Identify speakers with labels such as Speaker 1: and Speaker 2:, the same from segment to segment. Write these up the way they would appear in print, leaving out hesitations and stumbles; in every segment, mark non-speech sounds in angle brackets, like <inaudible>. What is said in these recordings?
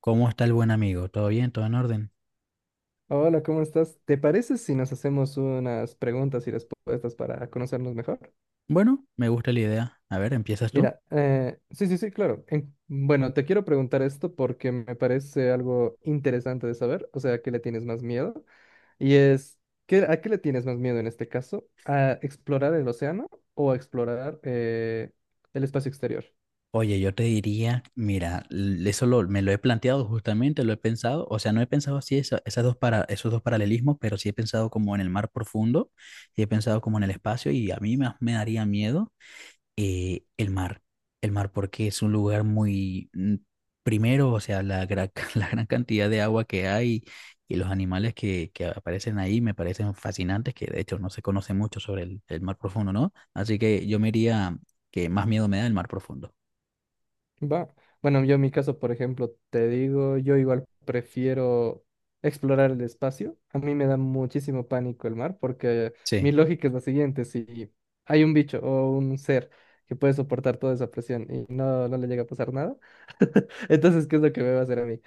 Speaker 1: ¿Cómo está el buen amigo? ¿Todo bien? ¿Todo en orden?
Speaker 2: Hola, ¿cómo estás? ¿Te parece si nos hacemos unas preguntas y respuestas para conocernos mejor?
Speaker 1: Bueno, me gusta la idea. A ver, ¿empiezas tú?
Speaker 2: Mira, sí, sí, sí, claro. Bueno, te quiero preguntar esto porque me parece algo interesante de saber, o sea, ¿a qué le tienes más miedo? Y es, ¿qué, a qué le tienes más miedo en este caso? ¿A explorar el océano o a explorar el espacio exterior?
Speaker 1: Oye, yo te diría, mira, me lo he planteado justamente, lo he pensado, o sea, no he pensado así esos dos paralelismos, pero sí he pensado como en el mar profundo, y he pensado como en el espacio y a mí me daría miedo el mar. El mar porque es un lugar muy, primero, o sea, <laughs> la gran cantidad de agua que hay y los animales que aparecen ahí me parecen fascinantes, que de hecho no se conoce mucho sobre el mar profundo, ¿no? Así que yo me iría que más miedo me da el mar profundo.
Speaker 2: Va. Bueno, yo en mi caso, por ejemplo, te digo, yo igual prefiero explorar el espacio. A mí me da muchísimo pánico el mar porque mi
Speaker 1: Sí,
Speaker 2: lógica es la siguiente: si hay un bicho o un ser que puede soportar toda esa presión y no, no le llega a pasar nada, <laughs> entonces, ¿qué es lo que me va a hacer a mí?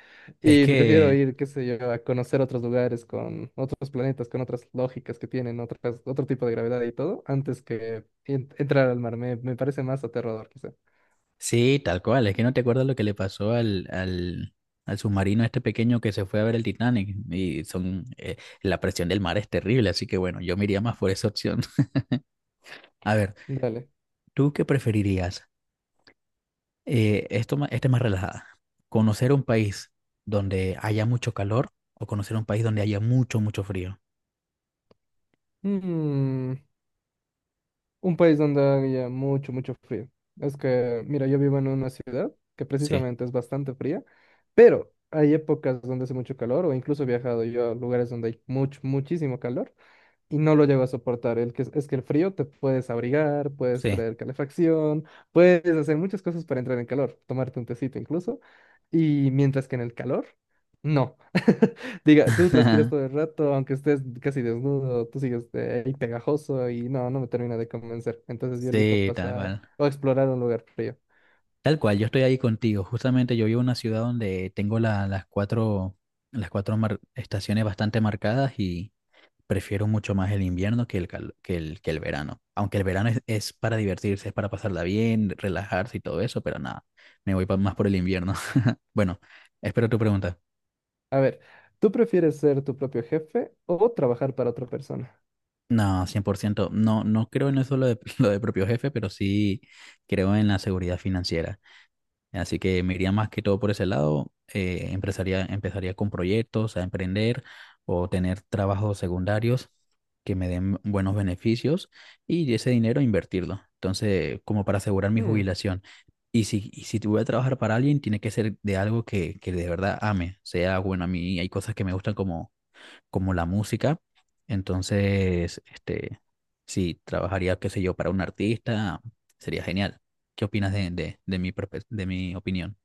Speaker 1: es
Speaker 2: Y prefiero
Speaker 1: que,
Speaker 2: ir, qué sé yo, a conocer otros lugares con otros planetas, con otras lógicas que tienen, otras, otro tipo de gravedad y todo, antes que entrar al mar. Me parece más aterrador, quizá.
Speaker 1: sí, tal cual, es que no te acuerdas lo que le pasó al... al submarino este pequeño que se fue a ver el Titanic y son, la presión del mar es terrible, así que bueno, yo me iría más por esa opción. <laughs> A ver.
Speaker 2: Dale.
Speaker 1: ¿Tú qué preferirías? Esta es más relajada. ¿Conocer un país donde haya mucho calor, o conocer un país donde haya mucho, mucho frío?
Speaker 2: Mm, un país donde haya mucho, mucho frío. Es que, mira, yo vivo en una ciudad que
Speaker 1: Sí,
Speaker 2: precisamente es bastante fría, pero hay épocas donde hace mucho calor o incluso he viajado yo a lugares donde hay mucho, muchísimo calor. Y no lo llego a soportar. Es que el frío te puedes abrigar, puedes
Speaker 1: sí,
Speaker 2: traer calefacción, puedes hacer muchas cosas para entrar en calor, tomarte un tecito incluso. Y mientras que en el calor, no. <laughs> Diga, tú transpiras todo el rato, aunque estés casi desnudo, tú sigues ahí pegajoso y no, no me termina de convencer. Entonces yo elijo
Speaker 1: sí, tal
Speaker 2: pasar
Speaker 1: cual.
Speaker 2: o explorar un lugar frío.
Speaker 1: Tal cual, yo estoy ahí contigo. Justamente yo vivo en una ciudad donde tengo las cuatro estaciones bastante marcadas, y prefiero mucho más el invierno que el, cal- que el verano. Aunque el verano es para divertirse, es para pasarla bien, relajarse y todo eso, pero nada, me voy más por el invierno. <laughs> Bueno, espero tu pregunta.
Speaker 2: A ver, ¿tú prefieres ser tu propio jefe o trabajar para otra persona?
Speaker 1: No, 100%. No, no creo en eso, lo de, <laughs> lo de propio jefe, pero sí creo en la seguridad financiera. Así que me iría más que todo por ese lado. Empezaría con proyectos, a emprender o tener trabajos secundarios que me den buenos beneficios, y ese dinero invertirlo. Entonces, como para asegurar mi jubilación. Y si te voy a trabajar para alguien, tiene que ser de algo que de verdad ame. O sea, bueno, a mí hay cosas que me gustan, como la música. Entonces, si trabajaría, qué sé yo, para un artista, sería genial. ¿Qué opinas de mi opinión?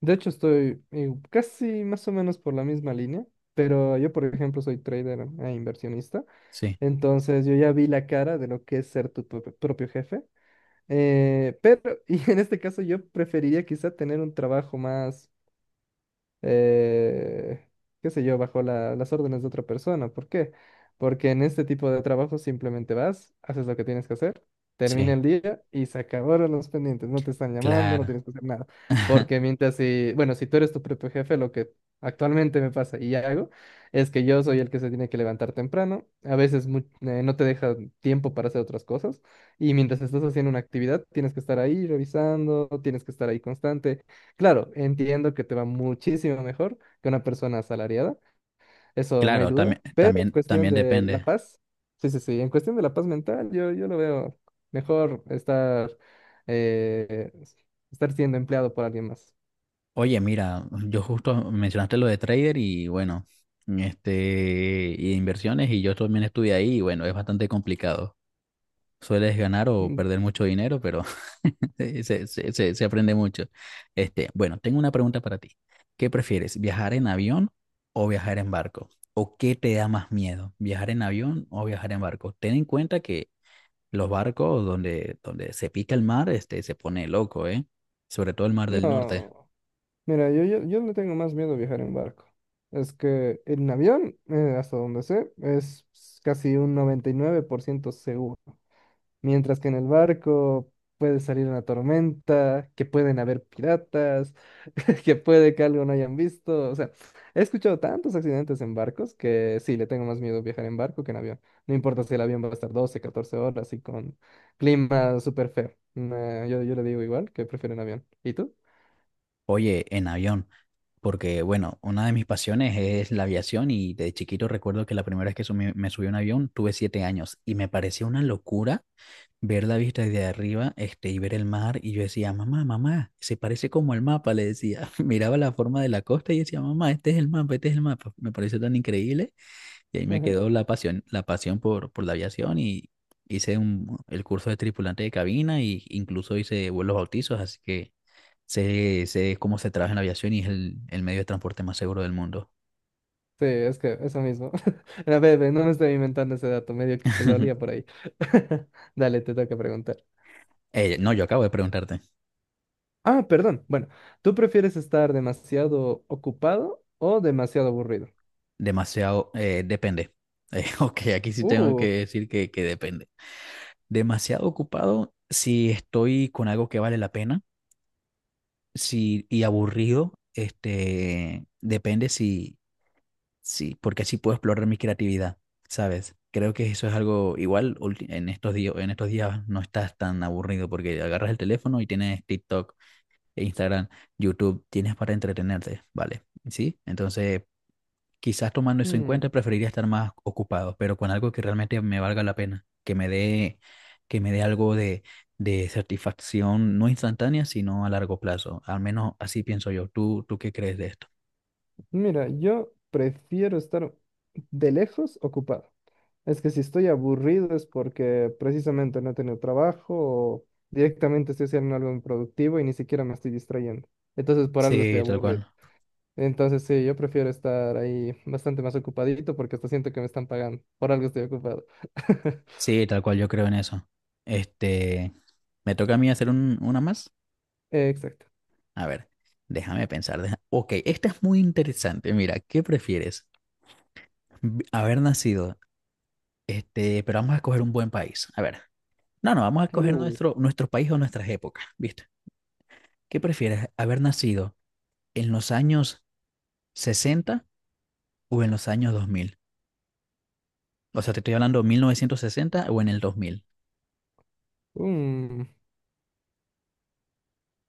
Speaker 2: De hecho, estoy casi más o menos por la misma línea, pero yo, por ejemplo, soy trader e inversionista,
Speaker 1: Sí,
Speaker 2: entonces yo ya vi la cara de lo que es ser tu propio jefe, pero, <laughs> y en este caso yo preferiría quizá tener un trabajo más eh, qué sé yo, bajo la- las órdenes de otra persona. ¿Por qué? Porque en este tipo de trabajo simplemente vas, haces lo que tienes que hacer, termina
Speaker 1: sí,
Speaker 2: el día y se acabaron los pendientes. No te están llamando, no
Speaker 1: claro.
Speaker 2: tienes que hacer nada. Porque
Speaker 1: <laughs>
Speaker 2: mientras si, bueno, si tú eres tu propio jefe, lo que actualmente me pasa y hago es que yo soy el que se tiene que levantar temprano. A veces no te deja tiempo para hacer otras cosas. Y mientras estás haciendo una actividad, tienes que estar ahí revisando, tienes que estar ahí constante. Claro, entiendo que te va muchísimo mejor que una persona asalariada, eso no hay
Speaker 1: Claro,
Speaker 2: duda,
Speaker 1: también,
Speaker 2: pero en
Speaker 1: también,
Speaker 2: cuestión
Speaker 1: también
Speaker 2: de la
Speaker 1: depende.
Speaker 2: paz, sí, sí, sí, en cuestión de la paz mental, yo lo veo mejor estar, eh, estar siendo empleado por alguien más.
Speaker 1: Oye, mira, yo justo mencionaste lo de trader, y bueno, este, y de inversiones, y yo también estuve ahí y bueno, es bastante complicado. Sueles ganar o
Speaker 2: Mm,
Speaker 1: perder mucho dinero, pero sí, se se aprende mucho. Bueno, tengo una pregunta para ti. ¿Qué prefieres, viajar en avión o viajar en barco? ¿O qué te da más miedo, viajar en avión o viajar en barco? Ten en cuenta que los barcos donde se pica el mar, se pone loco, ¿eh? Sobre todo el mar del norte.
Speaker 2: No, mira, yo le tengo más miedo a viajar en barco. Es que en avión, hasta donde sé, es casi un 99% seguro. Mientras que en el barco puede salir una tormenta, que pueden haber piratas, <laughs> que puede que algo no hayan visto. O sea, he escuchado tantos accidentes en barcos que sí, le tengo más miedo viajar en barco que en avión. No importa si el avión va a estar 12 14 horas y con clima súper feo. No, yo le digo igual que prefiero en avión. ¿Y tú?
Speaker 1: Oye, en avión, porque bueno, una de mis pasiones es la aviación, y de chiquito recuerdo que la primera vez que me subí a un avión tuve 7 años, y me pareció una locura ver la vista desde arriba, este, y ver el mar, y yo decía, mamá, mamá, se parece como el mapa, le decía, <laughs> miraba la forma de la costa y decía, mamá, este es el mapa, este es el mapa, me pareció tan increíble, y ahí me
Speaker 2: Ajá.
Speaker 1: quedó la pasión, por la aviación, y hice el curso de tripulante de cabina, y incluso hice vuelos bautizos, así que sé cómo se trabaja en la aviación, y es el medio de transporte más seguro del mundo.
Speaker 2: Sí, es que eso mismo. <laughs> A ver, no me estoy inventando ese dato, medio que lo olía por
Speaker 1: <laughs>
Speaker 2: ahí. <laughs> Dale, te toca preguntar.
Speaker 1: No, yo acabo de preguntarte.
Speaker 2: Ah, perdón. Bueno, ¿tú prefieres estar demasiado ocupado o demasiado aburrido?
Speaker 1: Demasiado, depende. <laughs> Ok, aquí sí tengo que
Speaker 2: Uh,
Speaker 1: decir que depende. Demasiado ocupado si estoy con algo que vale la pena, si, y aburrido, depende si, porque así puedo explorar mi creatividad, ¿sabes? Creo que eso es algo igual en estos días no estás tan aburrido, porque agarras el teléfono y tienes TikTok, Instagram, YouTube, tienes para entretenerte, ¿vale? ¿Sí? Entonces, quizás tomando eso en
Speaker 2: mm,
Speaker 1: cuenta, preferiría estar más ocupado, pero con algo que realmente me valga la pena, que me dé algo de satisfacción, no instantánea, sino a largo plazo. Al menos así pienso yo. ¿Tú qué crees de esto?
Speaker 2: mira, yo prefiero estar de lejos ocupado. Es que si estoy aburrido es porque precisamente no he tenido trabajo o directamente estoy haciendo algo improductivo y ni siquiera me estoy distrayendo. Entonces por algo estoy
Speaker 1: Sí, tal
Speaker 2: aburrido.
Speaker 1: cual.
Speaker 2: Entonces sí, yo prefiero estar ahí bastante más ocupadito porque hasta siento que me están pagando. Por algo estoy ocupado. <laughs>
Speaker 1: Sí, tal cual, yo creo en eso. Este, Me toca a mí hacer un- una más.
Speaker 2: Exacto.
Speaker 1: A ver, déjame pensar. Ok, esta es muy interesante. Mira, ¿qué prefieres? Haber nacido, este, pero vamos a escoger un buen país. A ver. No, no, vamos a escoger
Speaker 2: Uh,
Speaker 1: nuestro país o nuestras épocas, ¿viste? ¿Qué prefieres, haber nacido en los años 60 o en los años 2000? O sea, te estoy hablando 1960 o en el 2000,
Speaker 2: mm,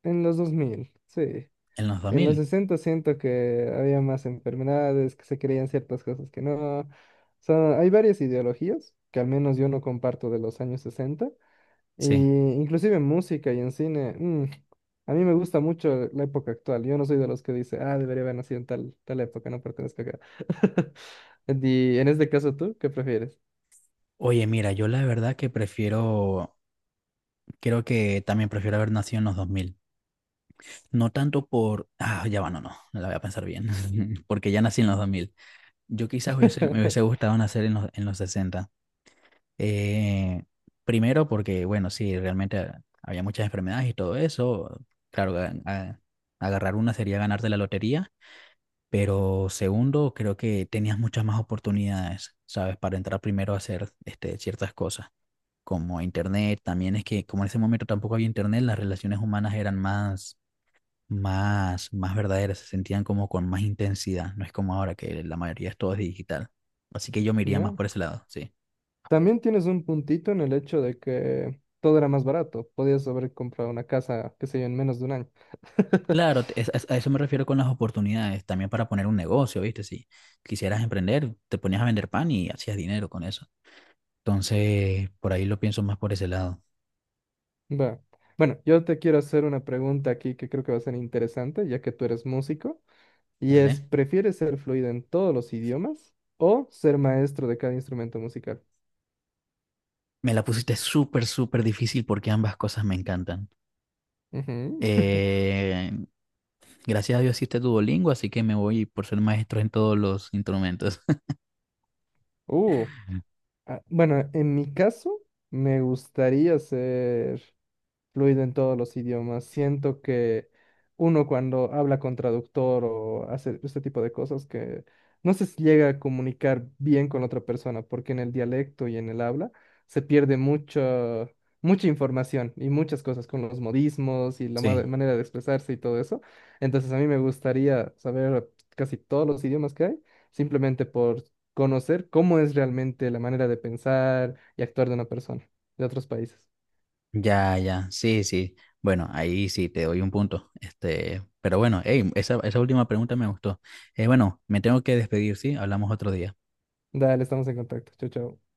Speaker 2: En los 2000 sí.
Speaker 1: En los dos
Speaker 2: En los
Speaker 1: mil.
Speaker 2: 60 siento que había más enfermedades, que se creían ciertas cosas que no. O sea, hay varias ideologías que al menos yo no comparto de los años 60. Y
Speaker 1: Sí.
Speaker 2: inclusive en música y en cine, a mí me gusta mucho la época actual. Yo no soy de los que dice, ah, debería haber nacido en tal, tal época, no pertenezco acá. <laughs> Y en este caso, ¿tú qué prefieres?
Speaker 1: Oye, mira, yo la verdad que prefiero, creo que también prefiero haber nacido en los 2000. No tanto por, ah, ya va, no, no, no la voy a pensar bien, <laughs> porque ya nací en los 2000. Yo quizás hubiese- me hubiese
Speaker 2: <laughs>
Speaker 1: gustado nacer en en los 60. Eh, Primero porque, bueno, sí, realmente había muchas enfermedades y todo eso. Claro, agarrar una sería ganarte la lotería, pero segundo, creo que tenías muchas más oportunidades, ¿sabes? Para entrar primero a hacer este, ciertas cosas, como internet. También es que como en ese momento tampoco había internet, las relaciones humanas eran más, más, más verdaderas, se sentían como con más intensidad. No es como ahora que la mayoría es todo digital. Así que yo me iría más
Speaker 2: ¿No?
Speaker 1: por ese lado, sí.
Speaker 2: También tienes un puntito en el hecho de que todo era más barato. Podías haber comprado una casa, qué sé yo, en menos de un año. <laughs>
Speaker 1: Claro, a eso me refiero con las oportunidades, también para poner un negocio, ¿viste? Si quisieras emprender, te ponías a vender pan y hacías dinero con eso. Entonces, por ahí lo pienso más por ese lado,
Speaker 2: Va. Bueno, yo te quiero hacer una pregunta aquí que creo que va a ser interesante, ya que tú eres músico, y es,
Speaker 1: ¿vale?
Speaker 2: ¿prefieres ser fluido en todos los idiomas o ser maestro de cada instrumento musical?
Speaker 1: Me la pusiste súper, súper difícil porque ambas cosas me encantan.
Speaker 2: Ujú. <laughs>
Speaker 1: Eh, Gracias a Dios existe Duolingo, así que me voy por ser maestro en todos los instrumentos.
Speaker 2: Uh,
Speaker 1: <laughs>
Speaker 2: ah, bueno, en mi caso, me gustaría ser fluido en todos los idiomas. Siento que uno cuando habla con traductor o hace este tipo de cosas que no se llega a comunicar bien con la otra persona, porque en el dialecto y en el habla se pierde mucha información y muchas cosas con los modismos y la ma-
Speaker 1: Sí.
Speaker 2: manera de expresarse y todo eso. Entonces a mí me gustaría saber casi todos los idiomas que hay, simplemente por conocer cómo es realmente la manera de pensar y actuar de una persona de otros países.
Speaker 1: Ya, ya, sí, sí. Bueno, ahí sí te doy un punto. Pero bueno, ey, esa última pregunta me gustó. Bueno, me tengo que despedir, ¿sí? Hablamos otro día.
Speaker 2: Dale, estamos en contacto. Chao, chao.